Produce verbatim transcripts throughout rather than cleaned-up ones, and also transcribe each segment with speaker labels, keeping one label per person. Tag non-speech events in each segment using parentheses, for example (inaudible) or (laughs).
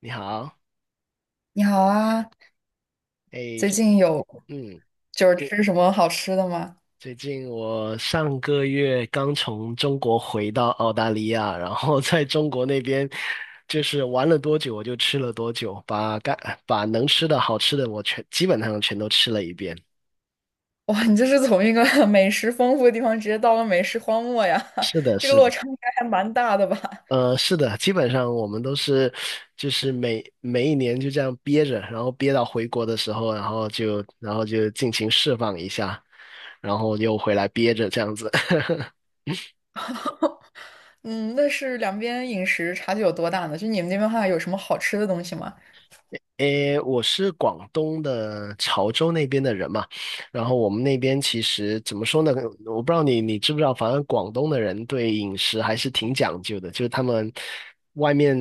Speaker 1: 你好。
Speaker 2: 你好啊，
Speaker 1: 哎，
Speaker 2: 最
Speaker 1: 就
Speaker 2: 近有
Speaker 1: 嗯，
Speaker 2: 就是吃什么好吃的吗？
Speaker 1: 最近我上个月刚从中国回到澳大利亚，然后在中国那边就是玩了多久我就吃了多久，把该把能吃的好吃的我全基本上全都吃了一遍。
Speaker 2: 哇，你这是从一个 (laughs) 美食丰富的地方直接到了美食荒漠呀，
Speaker 1: 是
Speaker 2: (laughs)
Speaker 1: 的，
Speaker 2: 这个
Speaker 1: 是
Speaker 2: 落
Speaker 1: 的，
Speaker 2: 差应该还蛮大的吧？
Speaker 1: 呃，是的，基本上我们都是就是每每一年就这样憋着，然后憋到回国的时候，然后就然后就尽情释放一下，然后又回来憋着这样子。(laughs)
Speaker 2: 嗯，那是两边饮食差距有多大呢？就你们那边的话，有什么好吃的东西吗？
Speaker 1: 诶，我是广东的潮州那边的人嘛，然后我们那边其实怎么说呢？我不知道你你知不知道，反正广东的人对饮食还是挺讲究的，就是他们外面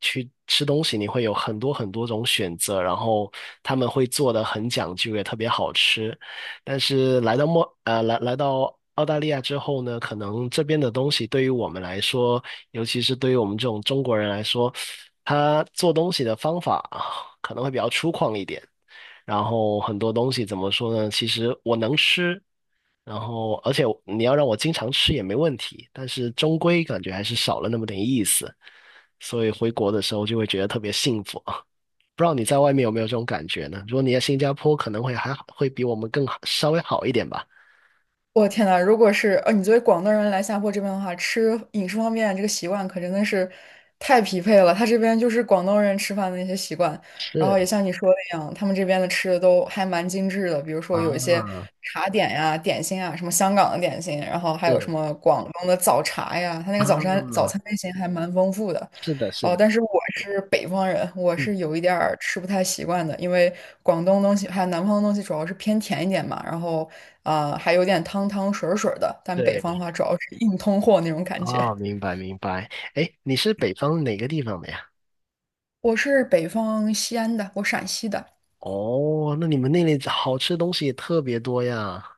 Speaker 1: 去吃东西，你会有很多很多种选择，然后他们会做的很讲究，也特别好吃。但是来到墨呃来来到澳大利亚之后呢，可能这边的东西对于我们来说，尤其是对于我们这种中国人来说，他做东西的方法啊可能会比较粗犷一点。然后很多东西怎么说呢？其实我能吃，然后而且你要让我经常吃也没问题，但是终归感觉还是少了那么点意思。所以回国的时候就会觉得特别幸福啊！(laughs) 不知道你在外面有没有这种感觉呢？如果你在新加坡，可能会还会比我们更好，稍微好一点吧。
Speaker 2: 我天呐，如果是呃，你作为广东人来下坡这边的话，吃饮食方面这个习惯可真的是太匹配了。他这边就是广东人吃饭的那些习惯，然后也
Speaker 1: 是
Speaker 2: 像你说的一样，他们这边的吃的都还蛮精致的，比如说有一些
Speaker 1: 啊，
Speaker 2: 茶点呀、点心啊，什么香港的点心，然后还有什
Speaker 1: 是
Speaker 2: 么广东的早茶呀，他那个早餐早
Speaker 1: 啊，
Speaker 2: 餐类型还蛮丰富的。
Speaker 1: 是的，是
Speaker 2: 哦，
Speaker 1: 的，
Speaker 2: 但是我是北方人，我
Speaker 1: 嗯，
Speaker 2: 是有一点儿吃不太习惯的，因为广东东西还有南方的东西主要是偏甜一点嘛，然后呃还有点汤汤水儿水儿的，但北方
Speaker 1: 对，
Speaker 2: 的话主要是硬通货那种感觉。
Speaker 1: 哦，明白明白。哎，你是北方哪个地方的呀？
Speaker 2: 我是北方西安的，我陕西的。
Speaker 1: 哦，那你们那里好吃的东西也特别多呀。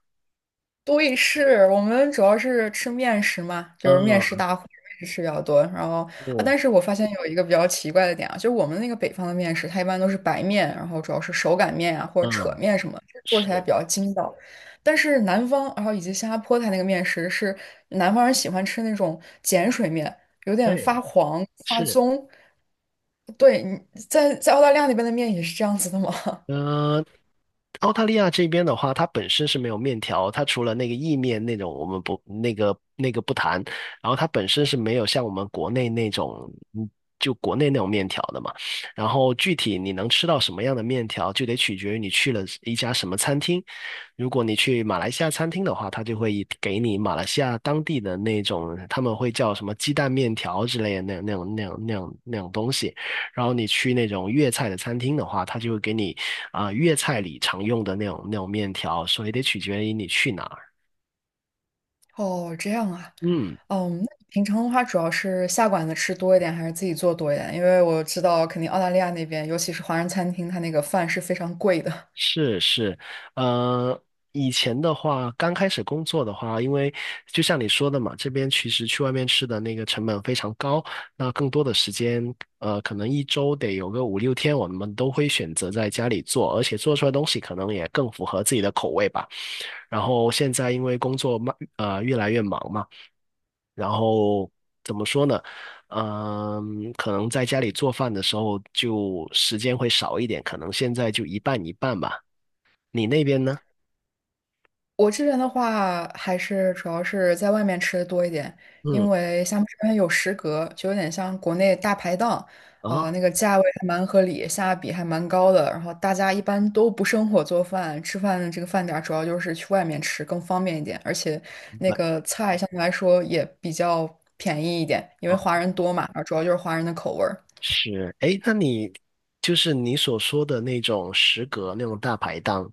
Speaker 2: 对，是我们主要是吃面食嘛，就是面食
Speaker 1: 嗯，
Speaker 2: 大户，面食吃比较多。然后啊，
Speaker 1: 哦，
Speaker 2: 但是我发现有一个比较奇怪的点啊，就是我们那个北方的面食，它一般都是白面，然后主要是手擀面啊或者扯
Speaker 1: 嗯，
Speaker 2: 面什么，就是做起来比
Speaker 1: 是，
Speaker 2: 较筋道。但是南方，然后以及新加坡它那个面食是南方人喜欢吃那种碱水面，有点发
Speaker 1: 对，
Speaker 2: 黄发
Speaker 1: 是，
Speaker 2: 棕。对，你在在澳大利亚那边的面也是这样子的吗？
Speaker 1: 呃，澳大利亚这边的话，它本身是没有面条，它除了那个意面那种，我们不那个那个不谈，然后它本身是没有像我们国内那种，嗯，就国内那种面条的嘛。然后具体你能吃到什么样的面条，就得取决于你去了一家什么餐厅。如果你去马来西亚餐厅的话，它就会以给你马来西亚当地的那种，他们会叫什么鸡蛋面条之类的那那那种那种那种那种东西。然后你去那种粤菜的餐厅的话，他就会给你啊、呃粤菜里常用的那种那种面条，所以得取决于你去哪儿。
Speaker 2: (laughs) 哦，这样啊。
Speaker 1: 嗯，
Speaker 2: 嗯，那你平常的话，主要是下馆子吃多一点，还是自己做多一点？因为我知道，肯定澳大利亚那边，尤其是华人餐厅，它那个饭是非常贵的。
Speaker 1: 是是，呃，以前的话，刚开始工作的话，因为就像你说的嘛，这边其实去外面吃的那个成本非常高，那更多的时间，呃，可能一周得有个五六天，我们都会选择在家里做，而且做出来的东西可能也更符合自己的口味吧。然后现在因为工作慢，呃，越来越忙嘛。然后怎么说呢？嗯，可能在家里做饭的时候就时间会少一点，可能现在就一半一半吧。你那边呢？
Speaker 2: 我这边的话，还是主要是在外面吃的多一点，因
Speaker 1: 嗯，
Speaker 2: 为像这边有食阁，就有点像国内大排档，呃，
Speaker 1: 啊，
Speaker 2: 那个价位还蛮合理，性价比还蛮高的。然后大家一般都不生火做饭，吃饭的这个饭点儿主要就是去外面吃更方便一点，而且
Speaker 1: 明
Speaker 2: 那
Speaker 1: 白
Speaker 2: 个菜相对来说也比较便宜一点，因为
Speaker 1: 啊，
Speaker 2: 华人多嘛，然后主要就是华人的口味儿。
Speaker 1: 是，诶，那你就是你所说的那种食阁那种大排档，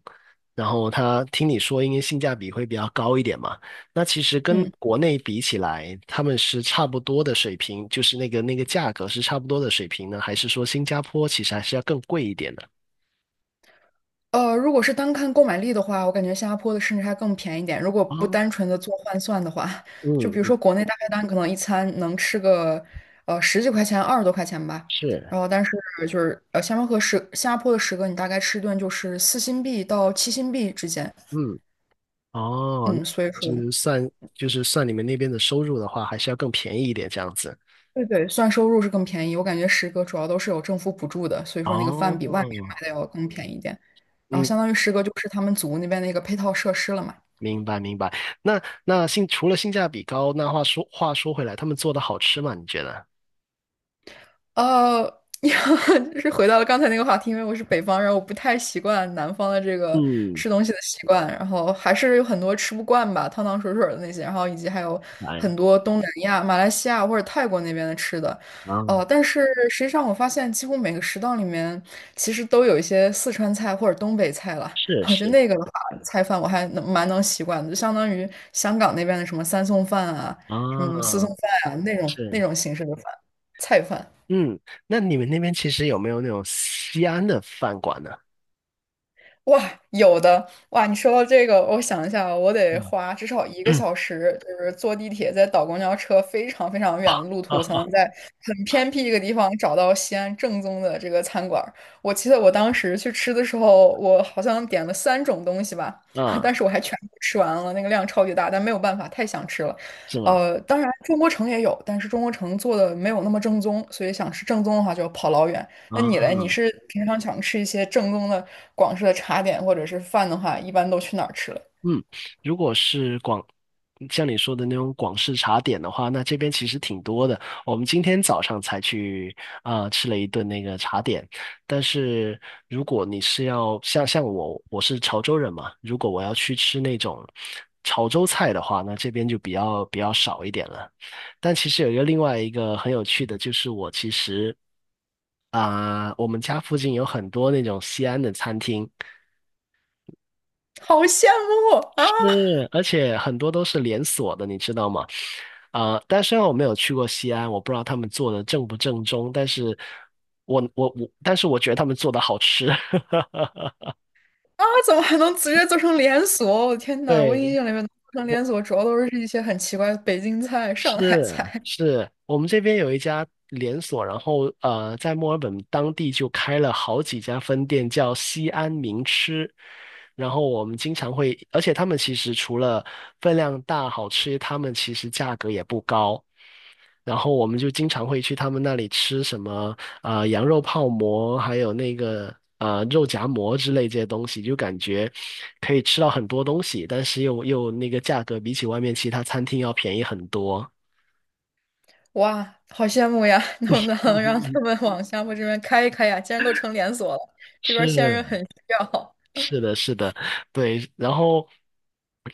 Speaker 1: 然后他听你说应该性价比会比较高一点嘛？那其实跟
Speaker 2: 嗯。
Speaker 1: 国内比起来，他们是差不多的水平，就是那个那个价格是差不多的水平呢，还是说新加坡其实还是要更贵一点的？
Speaker 2: 呃，如果是单看购买力的话，我感觉新加坡的甚至还更便宜点。如果不
Speaker 1: 哦
Speaker 2: 单纯的做换算的话，就
Speaker 1: 嗯
Speaker 2: 比如
Speaker 1: 嗯
Speaker 2: 说国内大概单可能一餐能吃个呃十几块钱、二十多块钱吧。
Speaker 1: 是，
Speaker 2: 然后但是就是呃，新加坡和十新加坡的十个，你大概吃一顿就是四新币到七新币之间。
Speaker 1: 嗯哦，那
Speaker 2: 嗯，所以说
Speaker 1: 就是算就是算你们那边的收入的话，还是要更便宜一点这样子。
Speaker 2: 对对，算收入是更便宜。我感觉十个主要都是有政府补助的，所以说那个饭
Speaker 1: 哦，
Speaker 2: 比外面卖的要更便宜一点。然后
Speaker 1: 嗯，
Speaker 2: 相当于十个就是他们组那边的一个配套设施了嘛。
Speaker 1: 明白明白。那那性除了性价比高，那话说话说回来，他们做的好吃吗？你觉得？
Speaker 2: 呃，(laughs) 就是回到了刚才那个话题，因为我是北方人，我不太习惯南方的这个
Speaker 1: 嗯，
Speaker 2: 吃东西的习惯，然后还是有很多吃不惯吧，汤汤水水的那些，然后以及还有很
Speaker 1: 来
Speaker 2: 多东南亚、马来西亚或者泰国那边的吃的，
Speaker 1: 啊，
Speaker 2: 哦、但是实际上我发现几乎每个食堂里面其实都有一些四川菜或者东北菜了，
Speaker 1: 是
Speaker 2: 我觉得
Speaker 1: 是
Speaker 2: 那个的话，菜饭我还能蛮能习惯的，就相当于香港那边的什么三送饭啊、什么四
Speaker 1: 啊
Speaker 2: 送饭啊那种那
Speaker 1: 是，
Speaker 2: 种形式的饭菜饭。
Speaker 1: 嗯，那你们那边其实有没有那种西安的饭馆呢？
Speaker 2: 哇，有的哇！你说到这个，我想一下，我得
Speaker 1: 嗯，
Speaker 2: 花至少一个
Speaker 1: (coughs)
Speaker 2: 小时，就是坐地铁，再倒公交车，非常非常远的路
Speaker 1: (clears throat)
Speaker 2: 途，才能
Speaker 1: 啊
Speaker 2: 在很偏僻一个地方找到西安正宗的这个餐馆儿。我记得我当时去吃的时候，我好像点了三种东西吧，(laughs) 但
Speaker 1: 啊，
Speaker 2: 是我还全部吃完了，那个量超级大，但没有办法，太想吃了。
Speaker 1: 是吗？
Speaker 2: 呃，当然中国城也有，但是中国城做的没有那么正宗，所以想吃正宗的话，就要跑老远。那你嘞？你
Speaker 1: 啊。
Speaker 2: 是平常想吃一些正宗的广式的茶点或者是饭的话，一般都去哪儿吃了？
Speaker 1: 嗯，如果是广，像你说的那种广式茶点的话，那这边其实挺多的。我们今天早上才去啊、吃了一顿那个茶点，但是如果你是要像像我，我是潮州人嘛，如果我要去吃那种潮州菜的话，那这边就比较比较少一点了。但其实有一个另外一个很有趣的，就是我其实啊、我们家附近有很多那种西安的餐厅。
Speaker 2: (laughs) 好羡慕啊
Speaker 1: 是，而且很多都是连锁的，你知道吗？啊、但虽然我没有去过西安，我不知道他们做的正不正宗，但是我我我，但是我觉得他们做的好吃。(laughs)
Speaker 2: 啊！怎么还能直接做成连锁？我的天呐，我
Speaker 1: 对，
Speaker 2: 印象里面能做成
Speaker 1: 我
Speaker 2: 连锁，主要都是一些很奇怪的北京菜、上海
Speaker 1: 是
Speaker 2: 菜。
Speaker 1: 是，我们这边有一家连锁，然后呃，在墨尔本当地就开了好几家分店，叫西安名吃。然后我们经常会，而且他们其实除了分量大、好吃，他们其实价格也不高。然后我们就经常会去他们那里吃什么啊、呃羊肉泡馍，还有那个啊、呃肉夹馍之类这些东西，就感觉可以吃到很多东西，但是又又那个价格比起外面其他餐厅要便宜很多。
Speaker 2: 哇，好羡慕呀！能不能让他们往厦门这边开一开呀？既然都成连锁了，
Speaker 1: (laughs)
Speaker 2: 这边儿线人
Speaker 1: 是，
Speaker 2: 很需要。
Speaker 1: 是的，是的，对，然后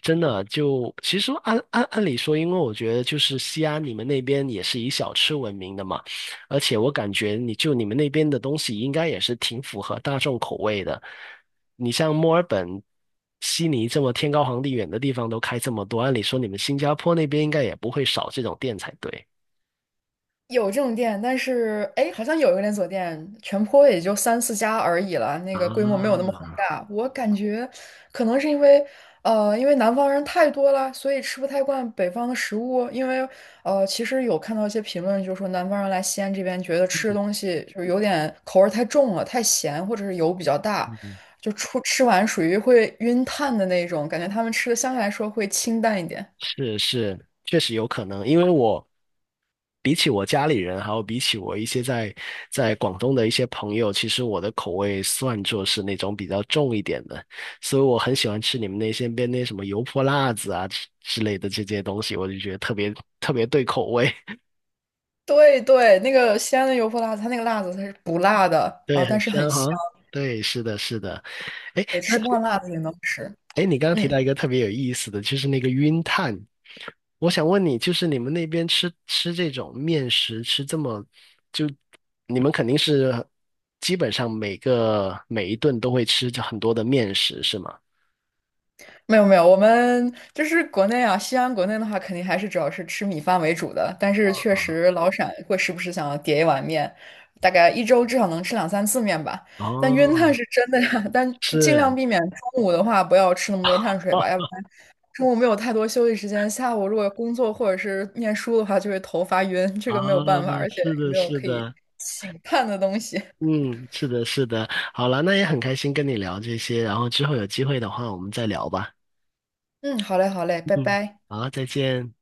Speaker 1: 真的就其实按按按理说，因为我觉得就是西安你们那边也是以小吃闻名的嘛，而且我感觉你就你们那边的东西应该也是挺符合大众口味的。你像墨尔本、悉尼这么天高皇帝远的地方都开这么多，按理说你们新加坡那边应该也不会少这种店才对。
Speaker 2: 有这种店，但是哎，诶好像有一个连锁店，全坡也就三四家而已了，那个规模没有那
Speaker 1: 啊，
Speaker 2: 么宏大。我感觉可能是因为，呃，因为南方人太多了，所以吃不太惯北方的食物。因为，呃，其实有看到一些评论，就是说南方人来西安这边，觉得吃的东西就是有点口味儿太重了，太咸，或者是油比较大，
Speaker 1: 嗯，
Speaker 2: 就出吃完属于会晕碳的那种，感觉他们吃的相对来说会清淡一点。
Speaker 1: 是是，确实有可能，因为我。比起我家里人，还有比起我一些在在广东的一些朋友，其实我的口味算作是那种比较重一点的，所以我很喜欢吃你们那些边那什么油泼辣子啊之之类的这些东西，我就觉得特别特别对口味，
Speaker 2: 对对，那个西安的油泼辣子，它那个辣子它是不辣
Speaker 1: (laughs)
Speaker 2: 的啊，
Speaker 1: 对，很
Speaker 2: 但是很
Speaker 1: 香
Speaker 2: 香，
Speaker 1: 哈。对，是的，是的。哎
Speaker 2: 对，吃不惯辣子也能吃。
Speaker 1: 哎，你刚刚提
Speaker 2: 嗯，
Speaker 1: 到一个特别有意思的，就是那个晕碳。我想问你，就是你们那边吃吃这种面食，吃这么，就你们肯定是基本上每个每一顿都会吃着很多的面食，是吗？
Speaker 2: 没有没有，我们就是国内啊，西安国内的话，肯定还是主要是吃米饭为主的，但是确实老陕会时不时想要叠一碗面，大概一周至少能吃两三次面吧。但晕碳
Speaker 1: 哦，
Speaker 2: 是真的呀，(laughs) 但就尽量
Speaker 1: 是。
Speaker 2: 避免中午的话不要吃那么多碳水吧，要不然。
Speaker 1: (laughs)
Speaker 2: 中午没有太多休息时间，下午如果工作或者是念书的话，就会头发晕，这
Speaker 1: 啊，
Speaker 2: 个没有办法，而且
Speaker 1: 是
Speaker 2: 也
Speaker 1: 的，
Speaker 2: 没有
Speaker 1: 是
Speaker 2: 可以
Speaker 1: 的，
Speaker 2: 醒叹的东西。(laughs)
Speaker 1: 嗯，是的，是的。好了，那也很开心跟你聊这些，然后之后有机会的话，我们再聊吧。
Speaker 2: 嗯，好嘞，好嘞，拜
Speaker 1: 嗯，
Speaker 2: 拜。
Speaker 1: 好，再见。